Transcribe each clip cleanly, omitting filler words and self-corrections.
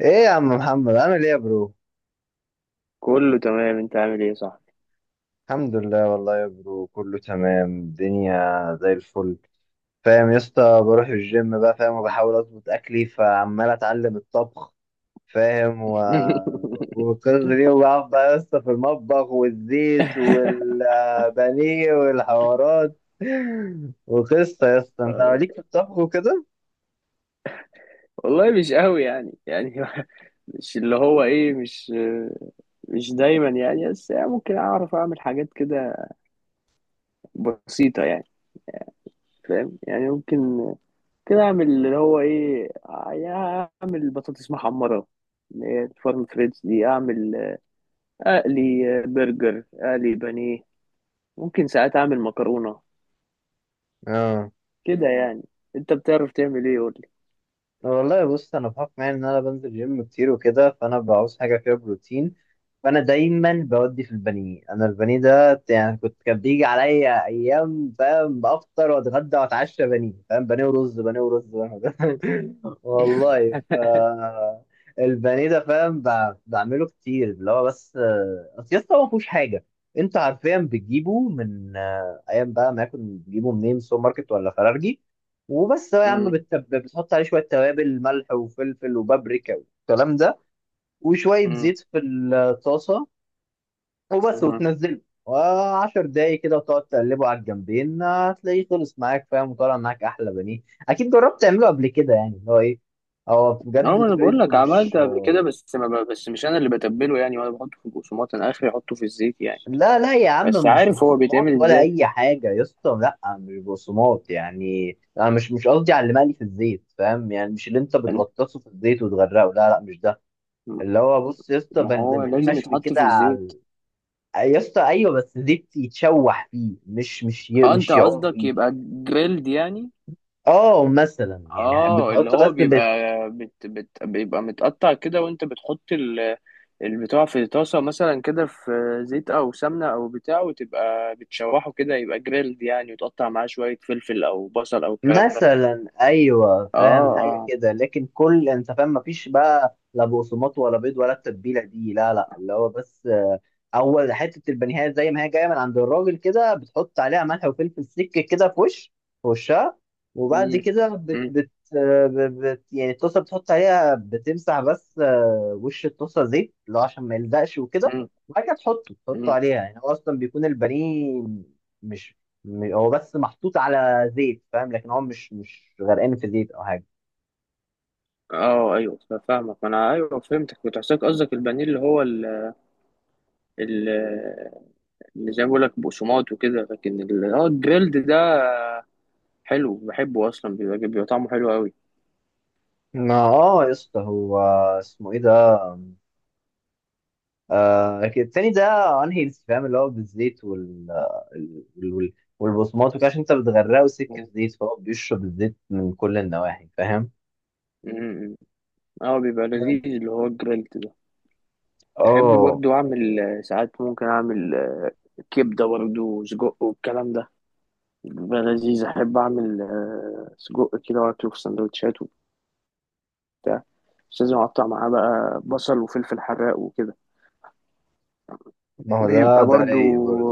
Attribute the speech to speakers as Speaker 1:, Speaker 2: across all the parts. Speaker 1: ايه يا عم محمد، عامل ايه يا برو؟
Speaker 2: كله تمام، انت عامل ايه؟ صح.
Speaker 1: الحمد لله والله يا برو، كله تمام، الدنيا زي الفل. فاهم يا اسطى، بروح الجيم بقى فاهم، وبحاول اظبط اكلي فعمال اتعلم الطبخ. فاهم والقصة دي، وبقعد بقى يا اسطى في المطبخ والزيت والبانيه والحوارات. وقصة يا اسطى، انت
Speaker 2: والله،
Speaker 1: عليك في الطبخ وكده.
Speaker 2: والله مش قوي يعني، مش اللي هو ايه، مش دايما يعني، بس يعني ممكن اعرف اعمل حاجات كده بسيطة يعني. فاهم يعني؟ ممكن كده اعمل اللي هو ايه يعني. اعمل بطاطس محمرة، اللي هي الفارم فريدز دي، اعمل اقلي برجر، اقلي بانيه. ممكن ساعات اعمل مكرونة
Speaker 1: اه
Speaker 2: كده يعني. انت بتعرف تعمل ايه؟ قول لي.
Speaker 1: والله، بص انا بحكم يعني ان انا بنزل جيم كتير وكده، فانا بعوز حاجة فيها بروتين. فانا دايما بودي في البانيه، انا البانيه ده يعني كان بيجي عليا ايام فاهم بافطر واتغدى واتعشى بانيه، فاهم، بانيه ورز، بانيه ورز. والله. البانيه ده فاهم بعمله كتير، اللي هو بس اصل يسطا هو ما فيهوش حاجه. انت حرفيا بتجيبه من ايام بقى، ما يكون بتجيبه منين، سوبر ماركت ولا فرارجي، وبس. هو يا عم
Speaker 2: مم.
Speaker 1: بتحط عليه شويه توابل، ملح وفلفل وبابريكا والكلام ده، وشوية زيت في الطاسة، وبس،
Speaker 2: مم.
Speaker 1: وتنزله، و10 دقايق كده وتقعد تقلبه على الجنبين، هتلاقيه خلص معاك فاهم، وطلع معاك احلى بانيه. اكيد جربت تعمله قبل كده يعني، اللي هو ايه، هو
Speaker 2: اه،
Speaker 1: بجد
Speaker 2: ما انا بقول
Speaker 1: طريقته
Speaker 2: لك
Speaker 1: مش.
Speaker 2: عملت قبل كده، بس ما ب- بس مش انا اللي بتبله يعني، وانا بحطه في البقسماط، انا اخري احطه في الزيت يعني.
Speaker 1: لا لا يا عم،
Speaker 2: بس
Speaker 1: مش
Speaker 2: عارف هو
Speaker 1: بقسماط
Speaker 2: بيتعمل
Speaker 1: ولا
Speaker 2: ازاي.
Speaker 1: اي حاجه يا اسطى، لا مش بقسماط. يعني انا مش قصدي على اللي مقلي في الزيت، فاهم يعني؟ مش اللي انت
Speaker 2: أن-
Speaker 1: بتغطسه في الزيت وتغرقه، لا لا مش ده. اللي هو بص يا اسطى،
Speaker 2: ما
Speaker 1: زي
Speaker 2: هو
Speaker 1: بانيه
Speaker 2: لازم
Speaker 1: مشوي
Speaker 2: يتحط
Speaker 1: كده
Speaker 2: في
Speaker 1: على.
Speaker 2: الزيت.
Speaker 1: يا اسطى ايوه، بس زيت يتشوح فيه، مش مش ي-
Speaker 2: اه انت
Speaker 1: مش يعوم
Speaker 2: قصدك
Speaker 1: فيه.
Speaker 2: يبقى جريلد يعني.
Speaker 1: اه مثلا يعني
Speaker 2: اه، اللي
Speaker 1: بتحط بس
Speaker 2: هو بيبقى، بت بت بيبقى متقطع كده، وانت بتحط البتاع في طاسة مثلا كده، في زيت او سمنة او بتاع، وتبقى بتشوحه كده، يبقى جريلد يعني، وتقطع معاه شوية فلفل او بصل او الكلام ده.
Speaker 1: مثلا ايوه،
Speaker 2: اه.
Speaker 1: فاهم حاجه
Speaker 2: اه.
Speaker 1: كده، لكن كل انت فاهم مفيش بقى لا بقسماط ولا بيض ولا التتبيله دي، لا لا، اللي هو بس اول حته البانيهات زي ما هي جايه من عند الراجل كده، بتحط عليها ملح وفلفل، سكه كده في وش، في وشها. وبعد
Speaker 2: مم.
Speaker 1: كده
Speaker 2: مم.
Speaker 1: آه، ب- بت يعني الطاسه بتحط عليها، بتمسح بس وش الطاسه زيت، اللي هو عشان ما يلزقش وكده.
Speaker 2: مم.
Speaker 1: وبعد كده تحطه
Speaker 2: مم.
Speaker 1: عليها، يعني هو اصلا بيكون البانيه مش، هو بس محطوط على زيت فاهم، لكن هو مش غرقان في زيت او حاجه.
Speaker 2: اه ايوه، فاهمك، ما انا ايوه فهمتك، كنت حاسسك قصدك البانيه اللي هو، ال- اللي زي ما بقول لك بقسماط وكده، لكن اه الجريلد ده حلو، بحبه اصلا، بيبقى طعمه حلو قوي.
Speaker 1: ما اه يا اسطى، هو اسمه ايه ده؟ كده، التاني ده انهيلثي فاهم، اللي هو بالزيت ال- وال- والبصمات وكده، عشان انت بتغرقه سكه
Speaker 2: مم.
Speaker 1: زيت، فهو بيشرب الزيت من كل النواحي فاهم،
Speaker 2: مم. اه بيبقى لذيذ اللي هو الجريلد ده. بحب
Speaker 1: اه.
Speaker 2: برضو اعمل ساعات ممكن اعمل كبده برضو وسجق والكلام ده، بيبقى لذيذ. احب اعمل سجق كده، واكله في سندوتشات وبتاع. بس لازم اقطع معاه بقى بصل وفلفل حراق وكده،
Speaker 1: ما هو ده
Speaker 2: بيبقى برضو
Speaker 1: رايق برضه.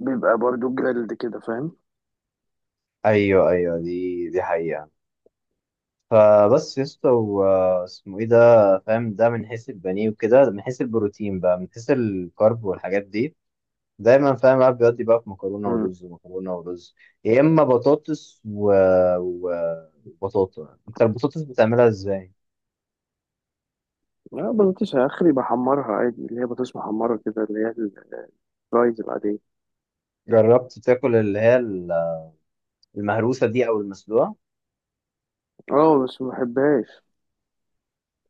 Speaker 2: بيبقى برضو جريلد كده فاهم.
Speaker 1: ايوه ايوه، دي حقيقه. فبس يا اسطى اسمه ايه ده، فاهم ده من حيث البانيه وكده، من حيث البروتين بقى، من حيث الكارب والحاجات دي، دايما فاهم بقى بيودي بقى في مكرونه
Speaker 2: مم.
Speaker 1: ورز، مكرونه ورز، يا اما بطاطس و... وبطاطا انت البطاطس بتعملها ازاي؟
Speaker 2: لا بطاطس اخري بحمرها عادي، اللي هي بطاطس محمرة كده، اللي هي الفرايز العادية.
Speaker 1: جربت تاكل اللي هي المهروسه دي او المسلوقه؟
Speaker 2: اه بس ما بحبهاش.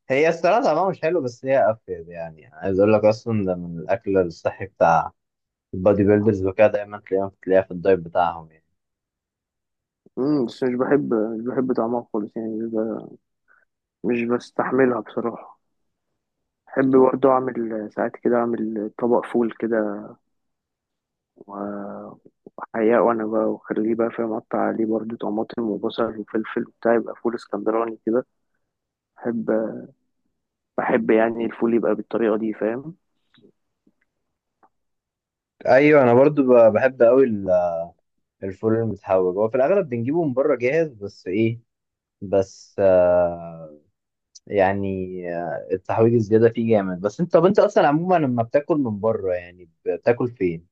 Speaker 1: هي الصراحه طعمها مش حلو، بس هي افيد، يعني عايز اقول لك اصلا ده من الاكل الصحي بتاع البادي بيلدرز وكده، دايما تلاقيها في الدايت بتاعهم يعني.
Speaker 2: مم، بس مش بحب طعمها خالص يعني. مش بستحملها بصراحة. بحب برضو أعمل ساعات كده، أعمل طبق فول كده و- وأحياه، وأنا بقى وأخليه بقى فاهم، أقطع عليه برضو طماطم وبصل وفلفل وبتاع، يبقى فول اسكندراني كده. بحب بحب يعني الفول يبقى بالطريقة دي فاهم.
Speaker 1: ايوه انا برضو بحب قوي. الفول المتحوج هو في الاغلب بنجيبه من بره جاهز، بس ايه، بس يعني التحويج الزيادة فيه جامد. بس انت، طب انت اصلا عموما لما بتاكل من بره يعني بتاكل فين؟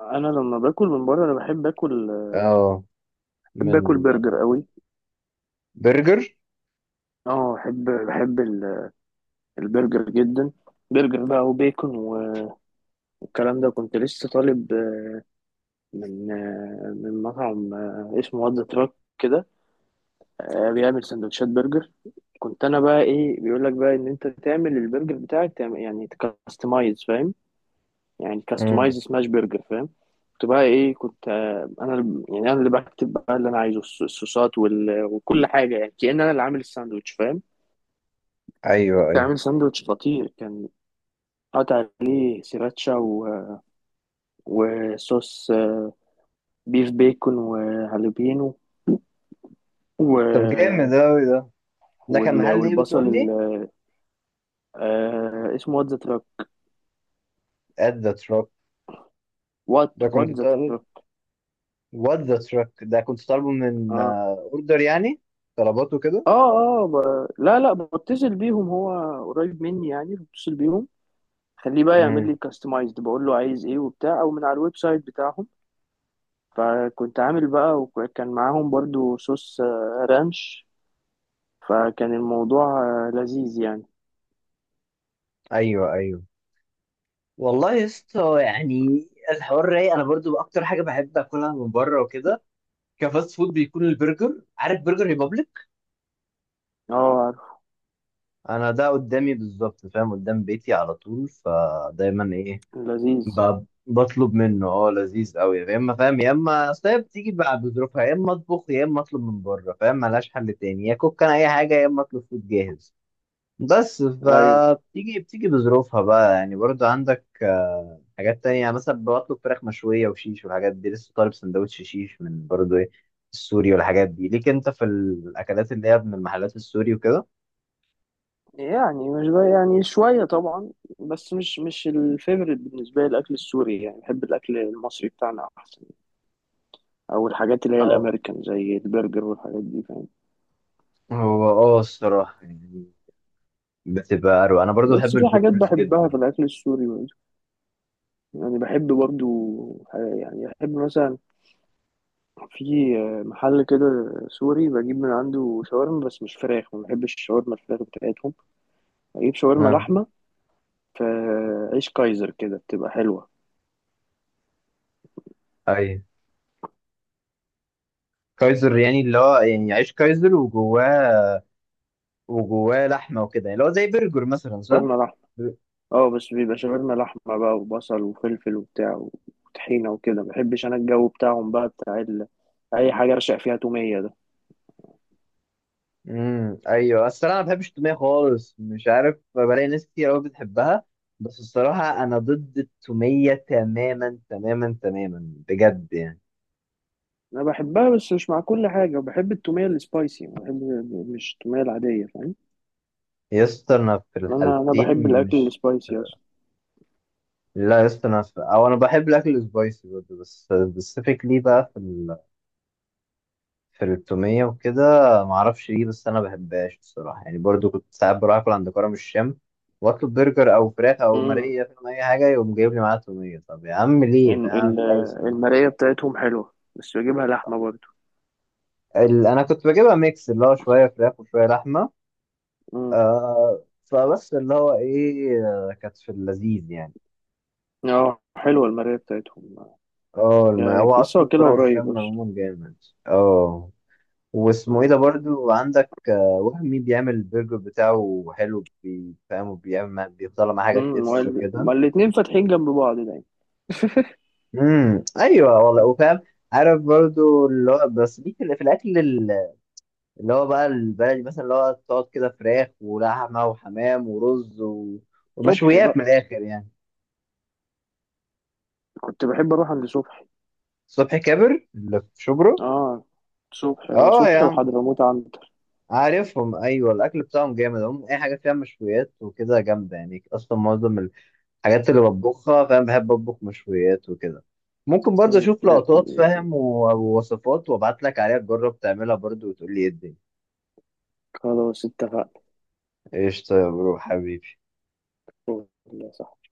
Speaker 2: انا لما باكل من بره، انا
Speaker 1: اه،
Speaker 2: بحب
Speaker 1: من
Speaker 2: اكل برجر قوي.
Speaker 1: برجر.
Speaker 2: اه، بحب البرجر جدا، برجر بقى وبيكون والكلام ده. كنت لسه طالب من مطعم اسمه "وات ذا تراك" كده، بيعمل سندوتشات برجر. كنت انا بقى ايه بيقول لك بقى ان انت تعمل البرجر بتاعك، تعمل يعني تكستمايز فاهم، يعني
Speaker 1: امم
Speaker 2: كاستمايز سماش برجر فاهم. كنت بقى ايه، كنت انا يعني انا اللي بكتب بقى اللي انا عايزه، الصوصات وكل حاجه، يعني كأن انا اللي عامل الساندوتش فاهم.
Speaker 1: ايوه
Speaker 2: كنت
Speaker 1: ايوه.
Speaker 2: عامل ساندوتش خطير، كان قطع عليه سراتشا وصوص بيف بيكون وهالوبينو و...
Speaker 1: طب جامد اوي ده، ده كان محل ايه
Speaker 2: والبصل
Speaker 1: بتقول لي؟
Speaker 2: اسمه "وات ذا تراك".
Speaker 1: At the truck، ده
Speaker 2: وات
Speaker 1: كنت
Speaker 2: ذا
Speaker 1: طالب.
Speaker 2: تراك.
Speaker 1: What the truck ده كنت طالبه من
Speaker 2: اه.
Speaker 1: اوردر يعني؟ طلباته كده.
Speaker 2: اه. اه لا، لا، بتصل بيهم، هو قريب مني يعني، بتصل بيهم. خليه بقى يعمل
Speaker 1: امم
Speaker 2: لي كاستمايزد، بقول له عايز ايه وبتاع، او من على الويب سايت بتاعهم. فكنت عامل بقى، وكان معاهم برضو صوص رانش، فكان الموضوع لذيذ يعني.
Speaker 1: ايوه ايوه. والله يا اسطى يعني الحوار رايق، انا برضو اكتر حاجه بحب اكلها من بره وكده كفاست فود بيكون البرجر. عارف برجر ريبابليك؟
Speaker 2: اه عارف.
Speaker 1: انا ده قدامي بالظبط، فاهم قدام بيتي على طول، فدايما ايه
Speaker 2: لذيذ.
Speaker 1: بطلب منه. اه لذيذ قوي يا اما، فاهم يا اما، اصل هي بتيجي بقى بظروفها، يا اما اطبخ، يا اما اطلب من بره، فاهم ملهاش حل تاني يا كوك، انا اي حاجه يا اما اطلب فود جاهز. بس
Speaker 2: ايوه،
Speaker 1: فبتيجي بظروفها بقى يعني. برضو عندك حاجات تانية؟ يعني مثلا بطلب فراخ مشوية وشيش والحاجات دي، لسه طالب سندوتش شيش من برضو ايه، السوري والحاجات دي. ليك انت في الأكلات اللي هي من المحلات السوري وكده؟
Speaker 2: يعني مش بقى يعني شوية طبعا، بس مش الفيفوريت بالنسبة لي الأكل السوري يعني. بحب الأكل المصري بتاعنا أحسن، أو الحاجات اللي هي الأمريكان زي البرجر والحاجات دي فاهم.
Speaker 1: هو اه الصراحة يعني بتبقى أروع، أنا برضو بحب
Speaker 2: بس في حاجات
Speaker 1: البرجرز
Speaker 2: بحبها
Speaker 1: جدا.
Speaker 2: في الأكل السوري برضه. يعني بحب برضو، يعني بحب مثلا في محل كده سوري، بجيب من عنده شاورما، بس مش فراخ، ما بحبش الشاورما الفراخ بتاعتهم. بجيب شاورما
Speaker 1: اه
Speaker 2: لحمة في عيش كايزر كده، بتبقى حلوة.
Speaker 1: أيوة. كايزر يعني اللي هو يعني عيش كايزر وجواه لحمة وكده يعني اللي هو زي برجر مثلا، صح؟
Speaker 2: شاورما لحمة. اه، بس بيبقى شاورما لحمة بقى، وبصل وفلفل وبتاع وطحينة وكده. مبحبش أنا الجو بتاعهم بقى بتاع أي حاجة أرشق فيها تومية ده.
Speaker 1: ايوه. الصراحه انا ما بحبش التوميه خالص، مش عارف، بلاقي ناس كتير قوي بتحبها، بس الصراحه انا ضد التوميه تماما تماما تماما بجد يعني.
Speaker 2: أنا بحبها بس مش مع كل حاجة، وبحب التومية السبايسي، بحب مش التومية العادية فاهم.
Speaker 1: يا اسطى انا في
Speaker 2: أنا
Speaker 1: الحالتين
Speaker 2: بحب الأكل
Speaker 1: مش.
Speaker 2: السبايسي أصلا.
Speaker 1: لا يا اسطى انا او انا بحب الاكل السبايسي برضه، بس سبيسيفيكلي بقى في التومية وكده، معرفش ليه بس أنا بحبهاش بصراحة يعني. برضو كنت ساعات بروح أكل عند كرم الشام، وأطلب برجر أو فراخ أو
Speaker 2: مم.
Speaker 1: ماريا فاهم، أي حاجة يقوم جايب لي معاها تومية، طب يا عم ليه
Speaker 2: ال-
Speaker 1: فاهم،
Speaker 2: ال-
Speaker 1: مش عايز تومية.
Speaker 2: المراية بتاعتهم حلوة، بس بجيبها لحمة برضو.
Speaker 1: أنا كنت بجيبها ميكس، اللي هو شوية فراخ وشوية لحمة.
Speaker 2: مم.
Speaker 1: فبس اللي هو إيه، كانت في اللذيذ يعني.
Speaker 2: اه، حلوة المراية بتاعتهم،
Speaker 1: اه
Speaker 2: يعني
Speaker 1: هو
Speaker 2: لسه
Speaker 1: أصلا
Speaker 2: واكلها
Speaker 1: كرم
Speaker 2: قريب
Speaker 1: الشام
Speaker 2: أصلا.
Speaker 1: عموما جامد. اه، واسمه ايه
Speaker 2: مم.
Speaker 1: ده، برضو عندك وهمي، بيعمل البرجر بتاعه حلو فاهم، وبيعمل بيطلع معاه حاجات
Speaker 2: مم.
Speaker 1: اكسترا كده.
Speaker 2: ما الاتنين فاتحين جنب بعض دايما.
Speaker 1: ايوه والله، وفاهم، عارف برضو اللي هو بس، ليك في الاكل اللي هو بقى البلدي مثلا، اللي هو تقعد كده فراخ ولحمه وحمام ورز
Speaker 2: صبحي
Speaker 1: ومشويات من
Speaker 2: بقى،
Speaker 1: الاخر يعني.
Speaker 2: كنت بحب اروح عند صبحي.
Speaker 1: صبحي كابر اللي في شبرا؟
Speaker 2: اه صبحي. اه
Speaker 1: اه يا
Speaker 2: صبحي
Speaker 1: عم
Speaker 2: وحضرموت عنتر.
Speaker 1: عارفهم، ايوه الاكل بتاعهم جامد، هم اي حاجه فيها مشويات وكده جامده يعني. اصلا معظم الحاجات اللي بطبخها، فاهم بحب اطبخ مشويات وكده. ممكن برضه
Speaker 2: م-
Speaker 1: اشوف لقطات
Speaker 2: م-
Speaker 1: فاهم ووصفات، وابعت لك عليها تجرب تعملها برضه وتقول لي ايه الدنيا.
Speaker 2: خلاص اتفقنا.
Speaker 1: قشطه يا برو حبيبي.
Speaker 2: صح.